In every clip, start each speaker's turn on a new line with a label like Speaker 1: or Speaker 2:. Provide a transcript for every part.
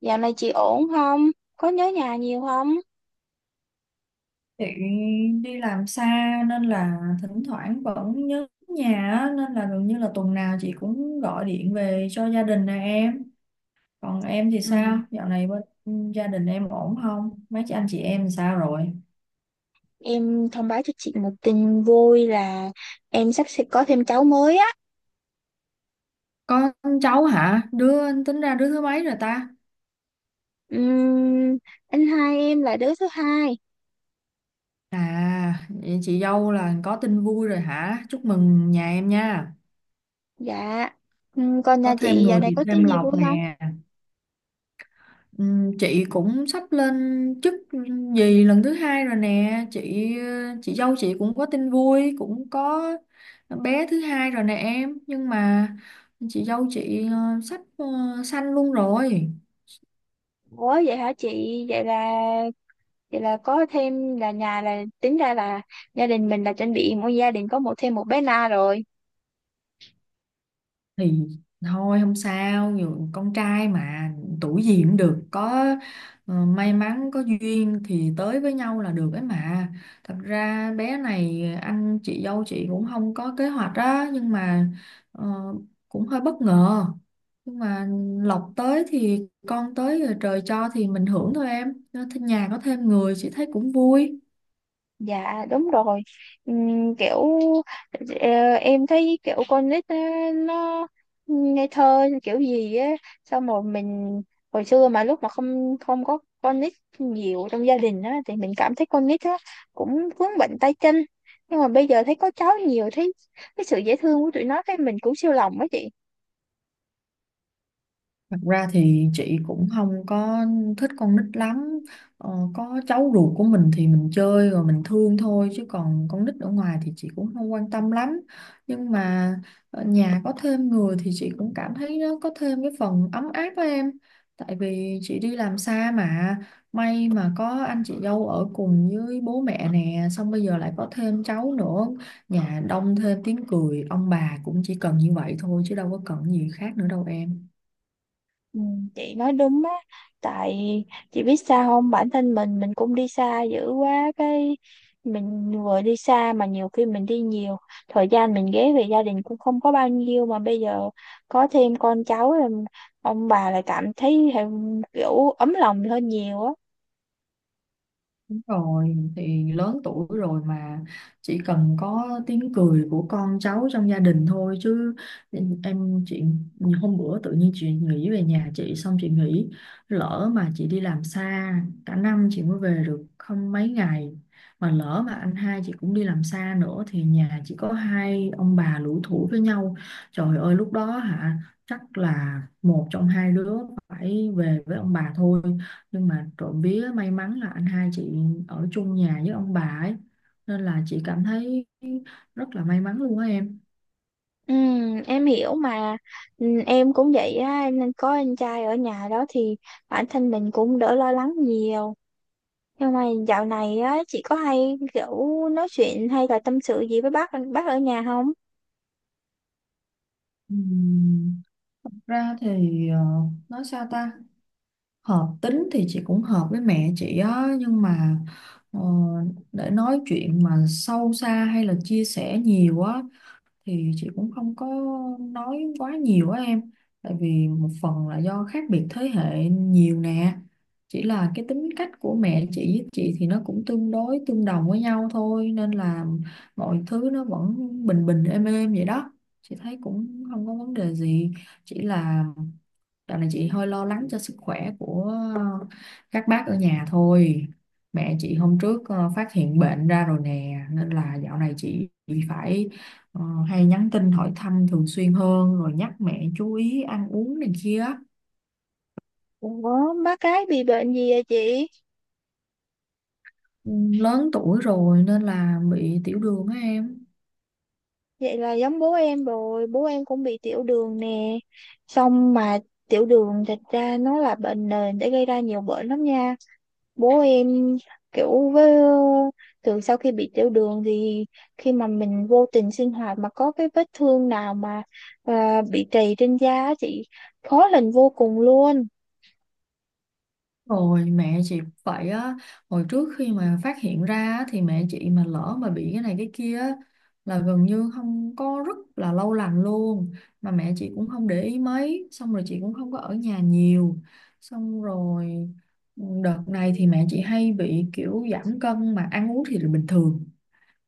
Speaker 1: Dạo này chị ổn không? Có nhớ nhà nhiều không?
Speaker 2: Chị đi làm xa nên là thỉnh thoảng vẫn nhớ nhà á, nên là gần như là tuần nào chị cũng gọi điện về cho gia đình nè em. Còn em thì
Speaker 1: Ừ.
Speaker 2: sao? Dạo này bên gia đình em ổn không? Mấy chị anh chị em sao rồi?
Speaker 1: Em thông báo cho chị một tin vui là em sắp sẽ có thêm cháu mới á.
Speaker 2: Có cháu hả? Đứa tính ra đứa thứ mấy rồi ta?
Speaker 1: Ừm, anh hai em là đứa thứ hai.
Speaker 2: À, vậy chị dâu là có tin vui rồi hả? Chúc mừng nhà em nha.
Speaker 1: Dạ. Còn
Speaker 2: Có
Speaker 1: nhà
Speaker 2: thêm
Speaker 1: chị dạo
Speaker 2: người
Speaker 1: này
Speaker 2: thì
Speaker 1: có
Speaker 2: thêm
Speaker 1: tin gì vui
Speaker 2: lộc
Speaker 1: không?
Speaker 2: nè. Chị cũng sắp lên chức gì lần thứ hai rồi nè chị dâu chị cũng có tin vui, cũng có bé thứ hai rồi nè em, nhưng mà chị dâu chị sắp sanh luôn rồi,
Speaker 1: Ủa vậy hả chị? Vậy là vậy là có thêm là nhà là tính ra là gia đình mình là chuẩn bị mỗi gia đình có một thêm một bé Na rồi.
Speaker 2: thì thôi không sao, dù con trai mà tuổi gì cũng được, có may mắn có duyên thì tới với nhau là được ấy mà. Thật ra bé này anh chị dâu chị cũng không có kế hoạch á, nhưng mà ờ, cũng hơi bất ngờ, nhưng mà lộc tới thì con tới, rồi trời cho thì mình hưởng thôi em. Nên nhà có thêm người chị thấy cũng vui.
Speaker 1: Dạ đúng rồi. Ừm, kiểu em thấy kiểu con nít á, nó ngây thơ kiểu gì á, xong rồi mình hồi xưa mà lúc mà không không có con nít nhiều trong gia đình á thì mình cảm thấy con nít á cũng vướng bệnh tay chân, nhưng mà bây giờ thấy có cháu nhiều, thấy cái sự dễ thương của tụi nó cái mình cũng siêu lòng á chị.
Speaker 2: Thật ra thì chị cũng không có thích con nít lắm. Có cháu ruột của mình thì mình chơi rồi mình thương thôi, chứ còn con nít ở ngoài thì chị cũng không quan tâm lắm. Nhưng mà ở nhà có thêm người thì chị cũng cảm thấy nó có thêm cái phần ấm áp với em. Tại vì chị đi làm xa mà, may mà có anh chị dâu ở cùng với bố mẹ nè, xong bây giờ lại có thêm cháu nữa, nhà đông thêm tiếng cười, ông bà cũng chỉ cần như vậy thôi chứ đâu có cần gì khác nữa đâu em.
Speaker 1: Ừ, chị nói đúng á. Tại chị biết sao không, bản thân mình cũng đi xa dữ quá, cái mình vừa đi xa mà nhiều khi mình đi nhiều, thời gian mình ghé về gia đình cũng không có bao nhiêu, mà bây giờ có thêm con cháu rồi ông bà lại cảm thấy thêm kiểu ấm lòng hơn nhiều á.
Speaker 2: Đúng rồi, thì lớn tuổi rồi mà chỉ cần có tiếng cười của con cháu trong gia đình thôi chứ em. Chị hôm bữa tự nhiên chị nghĩ về nhà chị, xong chị nghĩ lỡ mà chị đi làm xa cả năm chị mới về được không mấy ngày, mà lỡ mà anh hai chị cũng đi làm xa nữa thì nhà chỉ có hai ông bà lủi thủi với nhau, trời ơi lúc đó hả, chắc là một trong hai đứa phải về với ông bà thôi. Nhưng mà trộm vía may mắn là anh hai chị ở chung nhà với ông bà ấy, nên là chị cảm thấy rất là may mắn luôn á em.
Speaker 1: Ừ, em hiểu mà. Ừ, em cũng vậy á, nên có anh trai ở nhà đó thì bản thân mình cũng đỡ lo lắng nhiều. Nhưng mà dạo này á, chị có hay kiểu nói chuyện hay là tâm sự gì với bác ở nhà không?
Speaker 2: Ừm, Thật ra thì, ờ, nói sao ta, hợp tính thì chị cũng hợp với mẹ chị á, nhưng mà ờ, để nói chuyện mà sâu xa hay là chia sẻ nhiều á thì chị cũng không có nói quá nhiều á em. Tại vì một phần là do khác biệt thế hệ nhiều nè, chỉ là cái tính cách của mẹ chị với chị thì nó cũng tương đối tương đồng với nhau thôi, nên là mọi thứ nó vẫn bình bình êm êm vậy đó, chị thấy cũng không có vấn đề gì. Chỉ là dạo này chị hơi lo lắng cho sức khỏe của các bác ở nhà thôi. Mẹ chị hôm trước phát hiện bệnh ra rồi nè, nên là dạo này chị phải ờ, hay nhắn tin hỏi thăm thường xuyên hơn, rồi nhắc mẹ chú ý ăn uống này kia.
Speaker 1: Ủa, bác cái bị bệnh gì vậy chị?
Speaker 2: Ừ, lớn tuổi rồi nên là bị tiểu đường á em.
Speaker 1: Vậy là giống bố em rồi, bố em cũng bị tiểu đường nè. Xong mà tiểu đường thật ra nó là bệnh nền để gây ra nhiều bệnh lắm nha. Bố em kiểu với, từ sau khi bị tiểu đường thì khi mà mình vô tình sinh hoạt mà có cái vết thương nào mà bị trầy trên da á chị, khó lành vô cùng luôn.
Speaker 2: Rồi mẹ chị cũng vậy á. Hồi trước khi mà phát hiện ra á, thì mẹ chị mà lỡ mà bị cái này cái kia á, là gần như không có, rất là lâu lành luôn. Mà mẹ chị cũng không để ý mấy, xong rồi chị cũng không có ở nhà nhiều. Xong rồi, đợt này thì mẹ chị hay bị kiểu giảm cân, mà ăn uống thì là bình thường,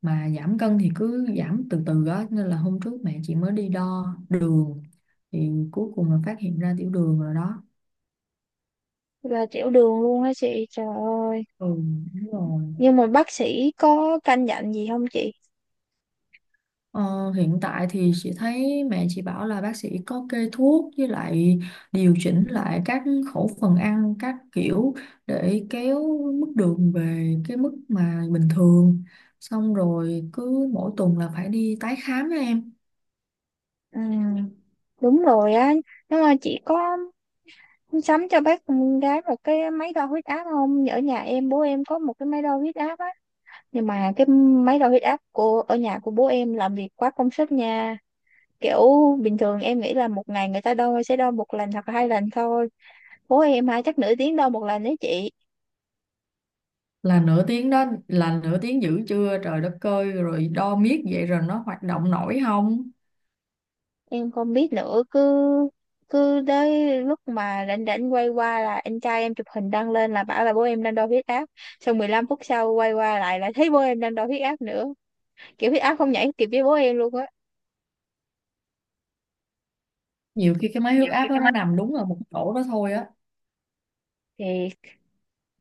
Speaker 2: mà giảm cân thì cứ giảm từ từ á, nên là hôm trước mẹ chị mới đi đo đường, thì cuối cùng là phát hiện ra tiểu đường rồi đó.
Speaker 1: Là tiểu đường luôn á chị, trời ơi.
Speaker 2: Ừ, đúng rồi.
Speaker 1: Nhưng mà bác sĩ có căn dặn gì không chị?
Speaker 2: Ờ, hiện tại thì chị thấy mẹ chị bảo là bác sĩ có kê thuốc, với lại điều chỉnh lại các khẩu phần ăn các kiểu để kéo mức đường về cái mức mà bình thường. Xong rồi cứ mỗi tuần là phải đi tái khám á em.
Speaker 1: Ừ, đúng rồi á. Nhưng mà chị có sắm cho bác con gái một cái máy đo huyết áp không? Ở nhà em, bố em có một cái máy đo huyết áp á, nhưng mà cái máy đo huyết áp của ở nhà của bố em làm việc quá công suất nha. Kiểu bình thường em nghĩ là một ngày người ta đo sẽ đo một lần hoặc là hai lần thôi, bố em hả, chắc nửa tiếng đo một lần đấy chị.
Speaker 2: Là nửa tiếng đó là nửa tiếng, dữ chưa, trời đất ơi, rồi đo miết vậy rồi nó hoạt động nổi không?
Speaker 1: Em không biết nữa, cứ cứ tới lúc mà rảnh rảnh quay qua là anh trai em chụp hình đăng lên là bảo là bố em đang đo huyết áp, xong 15 phút sau quay qua lại là thấy bố em đang đo huyết áp nữa. Kiểu huyết áp không nhảy kịp với bố em luôn á.
Speaker 2: Nhiều khi cái máy huyết
Speaker 1: Nhiều khi
Speaker 2: áp đó
Speaker 1: cái
Speaker 2: nó
Speaker 1: mắt
Speaker 2: nằm đúng ở một chỗ đó thôi á.
Speaker 1: thì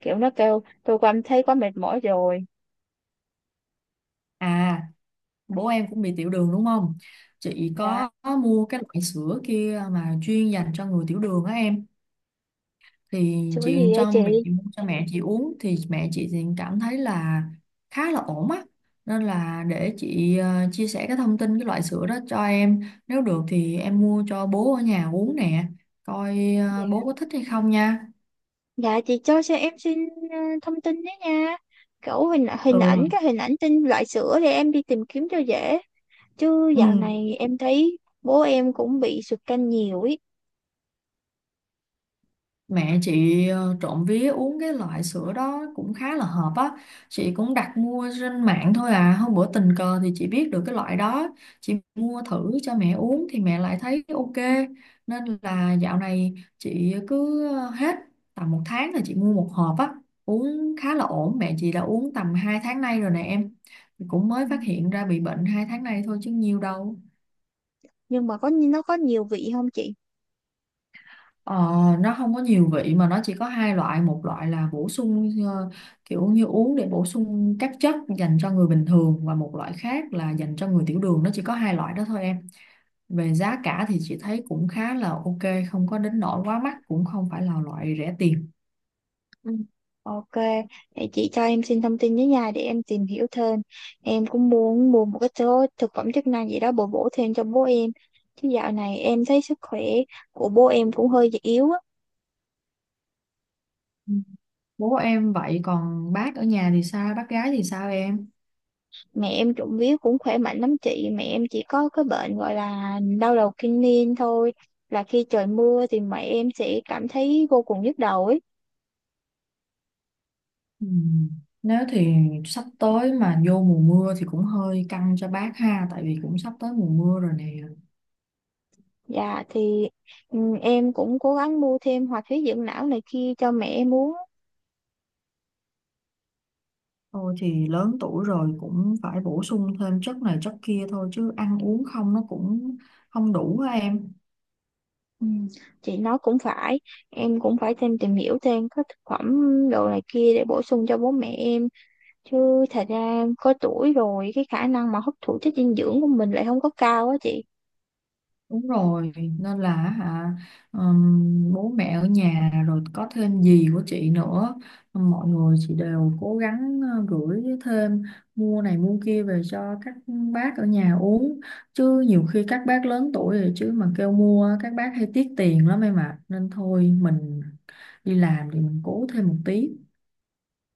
Speaker 1: kiểu nó kêu tôi cảm thấy quá mệt mỏi rồi.
Speaker 2: À, bố em cũng bị tiểu đường đúng không? Chị
Speaker 1: Dạ.
Speaker 2: có mua cái loại sữa kia mà chuyên dành cho người tiểu đường á em, thì
Speaker 1: Sữa
Speaker 2: chị
Speaker 1: gì vậy
Speaker 2: cho
Speaker 1: chị?
Speaker 2: mẹ chị mua, cho mẹ chị uống, thì mẹ chị thì cảm thấy là khá là ổn á. Nên là để chị chia sẻ cái thông tin cái loại sữa đó cho em, nếu được thì em mua cho bố ở nhà uống nè, coi
Speaker 1: Dạ.
Speaker 2: bố có thích hay không nha.
Speaker 1: Dạ chị cho em xin thông tin đấy nha, kiểu hình hình ảnh,
Speaker 2: Ừ,
Speaker 1: cái hình ảnh tin loại sữa để em đi tìm kiếm cho dễ. Chứ
Speaker 2: ừ.
Speaker 1: dạo này em thấy bố em cũng bị sụt cân nhiều ý.
Speaker 2: Mẹ chị trộm vía uống cái loại sữa đó cũng khá là hợp á. Chị cũng đặt mua trên mạng thôi à. Hôm bữa tình cờ thì chị biết được cái loại đó. Chị mua thử cho mẹ uống thì mẹ lại thấy ok. Nên là dạo này chị cứ hết tầm một tháng là chị mua một hộp á. Uống khá là ổn. Mẹ chị đã uống tầm 2 tháng nay rồi nè em. Cũng mới
Speaker 1: Ừ.
Speaker 2: phát hiện ra bị bệnh 2 tháng nay thôi chứ nhiều đâu.
Speaker 1: Nhưng mà có, nó có nhiều vị không chị?
Speaker 2: Ờ, nó không có nhiều vị, mà nó chỉ có hai loại, một loại là bổ sung kiểu như uống để bổ sung các chất dành cho người bình thường, và một loại khác là dành cho người tiểu đường, nó chỉ có hai loại đó thôi em. Về giá cả thì chị thấy cũng khá là ok, không có đến nỗi quá mắc, cũng không phải là loại rẻ tiền.
Speaker 1: Ừ. Ok, để chị cho em xin thông tin với nhà để em tìm hiểu thêm. Em cũng muốn mua một cái số thực phẩm chức năng gì đó bổ bổ thêm cho bố em, chứ dạo này em thấy sức khỏe của bố em cũng hơi yếu á.
Speaker 2: Ừ. Bố em vậy còn bác ở nhà thì sao, bác gái thì sao em?
Speaker 1: Mẹ em trộm vía cũng khỏe mạnh lắm chị. Mẹ em chỉ có cái bệnh gọi là đau đầu kinh niên thôi, là khi trời mưa thì mẹ em sẽ cảm thấy vô cùng nhức đầu ấy.
Speaker 2: Ừ. Nếu thì sắp tới mà vô mùa mưa thì cũng hơi căng cho bác ha, tại vì cũng sắp tới mùa mưa rồi nè.
Speaker 1: Dạ thì em cũng cố gắng mua thêm hoạt huyết dưỡng não này kia cho mẹ em uống.
Speaker 2: Thôi thì lớn tuổi rồi cũng phải bổ sung thêm chất này chất kia thôi, chứ ăn uống không nó cũng không đủ á em.
Speaker 1: Ừ, chị nói cũng phải, em cũng phải thêm tìm hiểu thêm các thực phẩm đồ này kia để bổ sung cho bố mẹ em. Chứ thật ra có tuổi rồi, cái khả năng mà hấp thụ chất dinh dưỡng của mình lại không có cao á chị.
Speaker 2: Đúng rồi, nên là hả, bố mẹ ở nhà rồi có thêm dì của chị nữa, mọi người chị đều cố gắng gửi thêm, mua này mua kia về cho các bác ở nhà uống. Chứ nhiều khi các bác lớn tuổi rồi, chứ mà kêu mua các bác hay tiếc tiền lắm em ạ. Nên thôi mình đi làm thì mình cố thêm một tí.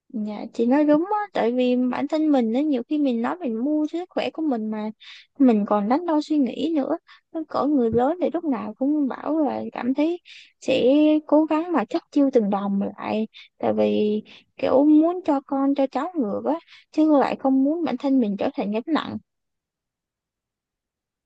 Speaker 1: Dạ chị nói đúng á. Tại vì bản thân mình á, nhiều khi mình nói mình mua cho sức khỏe của mình mà mình còn đắn đo suy nghĩ nữa. Nó cỡ người lớn thì lúc nào cũng bảo là cảm thấy sẽ cố gắng mà chất chiêu từng đồng lại, tại vì kiểu muốn cho con cho cháu ngược á, chứ lại không muốn bản thân mình trở thành gánh nặng.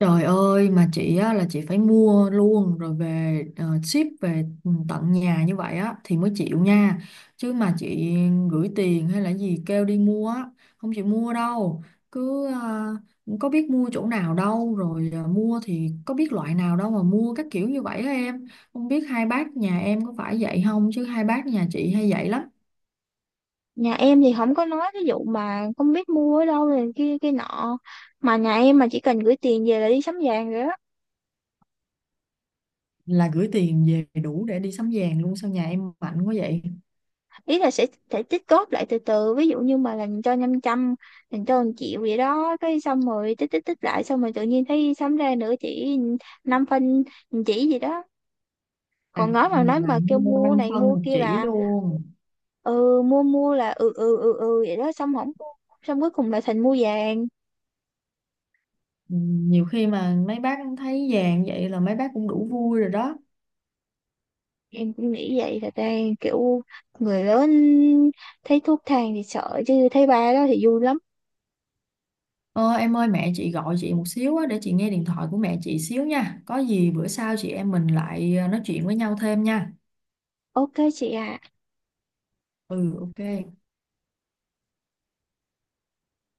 Speaker 2: Trời ơi mà chị á, là chị phải mua luôn rồi về ship về tận nhà như vậy á thì mới chịu nha. Chứ mà chị gửi tiền hay là gì kêu đi mua á, không chịu mua đâu. Cứ có biết mua chỗ nào đâu, rồi mua thì có biết loại nào đâu mà mua các kiểu như vậy á em. Không biết hai bác nhà em có phải vậy không, chứ hai bác nhà chị hay vậy lắm.
Speaker 1: Nhà em thì không có nói ví dụ mà không biết mua ở đâu này kia kia nọ, mà nhà em mà chỉ cần gửi tiền về là đi sắm vàng rồi đó.
Speaker 2: Là gửi tiền về đủ để đi sắm vàng luôn sao, nhà em mạnh quá vậy?
Speaker 1: Ý là sẽ tích góp lại từ từ, ví dụ như mà làm cho 500, làm cho 1 triệu vậy đó, cái xong rồi tích tích tích lại, xong rồi tự nhiên thấy sắm ra nữa chỉ, 5 phân, một chỉ gì đó.
Speaker 2: À,
Speaker 1: Còn nói mà nói
Speaker 2: là
Speaker 1: mà kêu
Speaker 2: mua
Speaker 1: mua
Speaker 2: 5
Speaker 1: này
Speaker 2: phân
Speaker 1: mua
Speaker 2: một
Speaker 1: kia
Speaker 2: chỉ
Speaker 1: là
Speaker 2: luôn.
Speaker 1: ừ, mua mua là ừ ừ ừ ừ vậy đó, xong không mua. Xong cuối cùng là thành mua vàng.
Speaker 2: Ừ, nhiều khi mà mấy bác thấy vàng vậy là mấy bác cũng đủ vui rồi đó.
Speaker 1: Em cũng nghĩ vậy thật ra, kiểu người lớn thấy thuốc thang thì sợ, chứ thấy ba đó thì vui lắm.
Speaker 2: Ờ, em ơi, mẹ chị gọi chị một xíu á, để chị nghe điện thoại của mẹ chị xíu nha, có gì bữa sau chị em mình lại nói chuyện với nhau thêm nha.
Speaker 1: Ok chị à.
Speaker 2: Ừ, ok.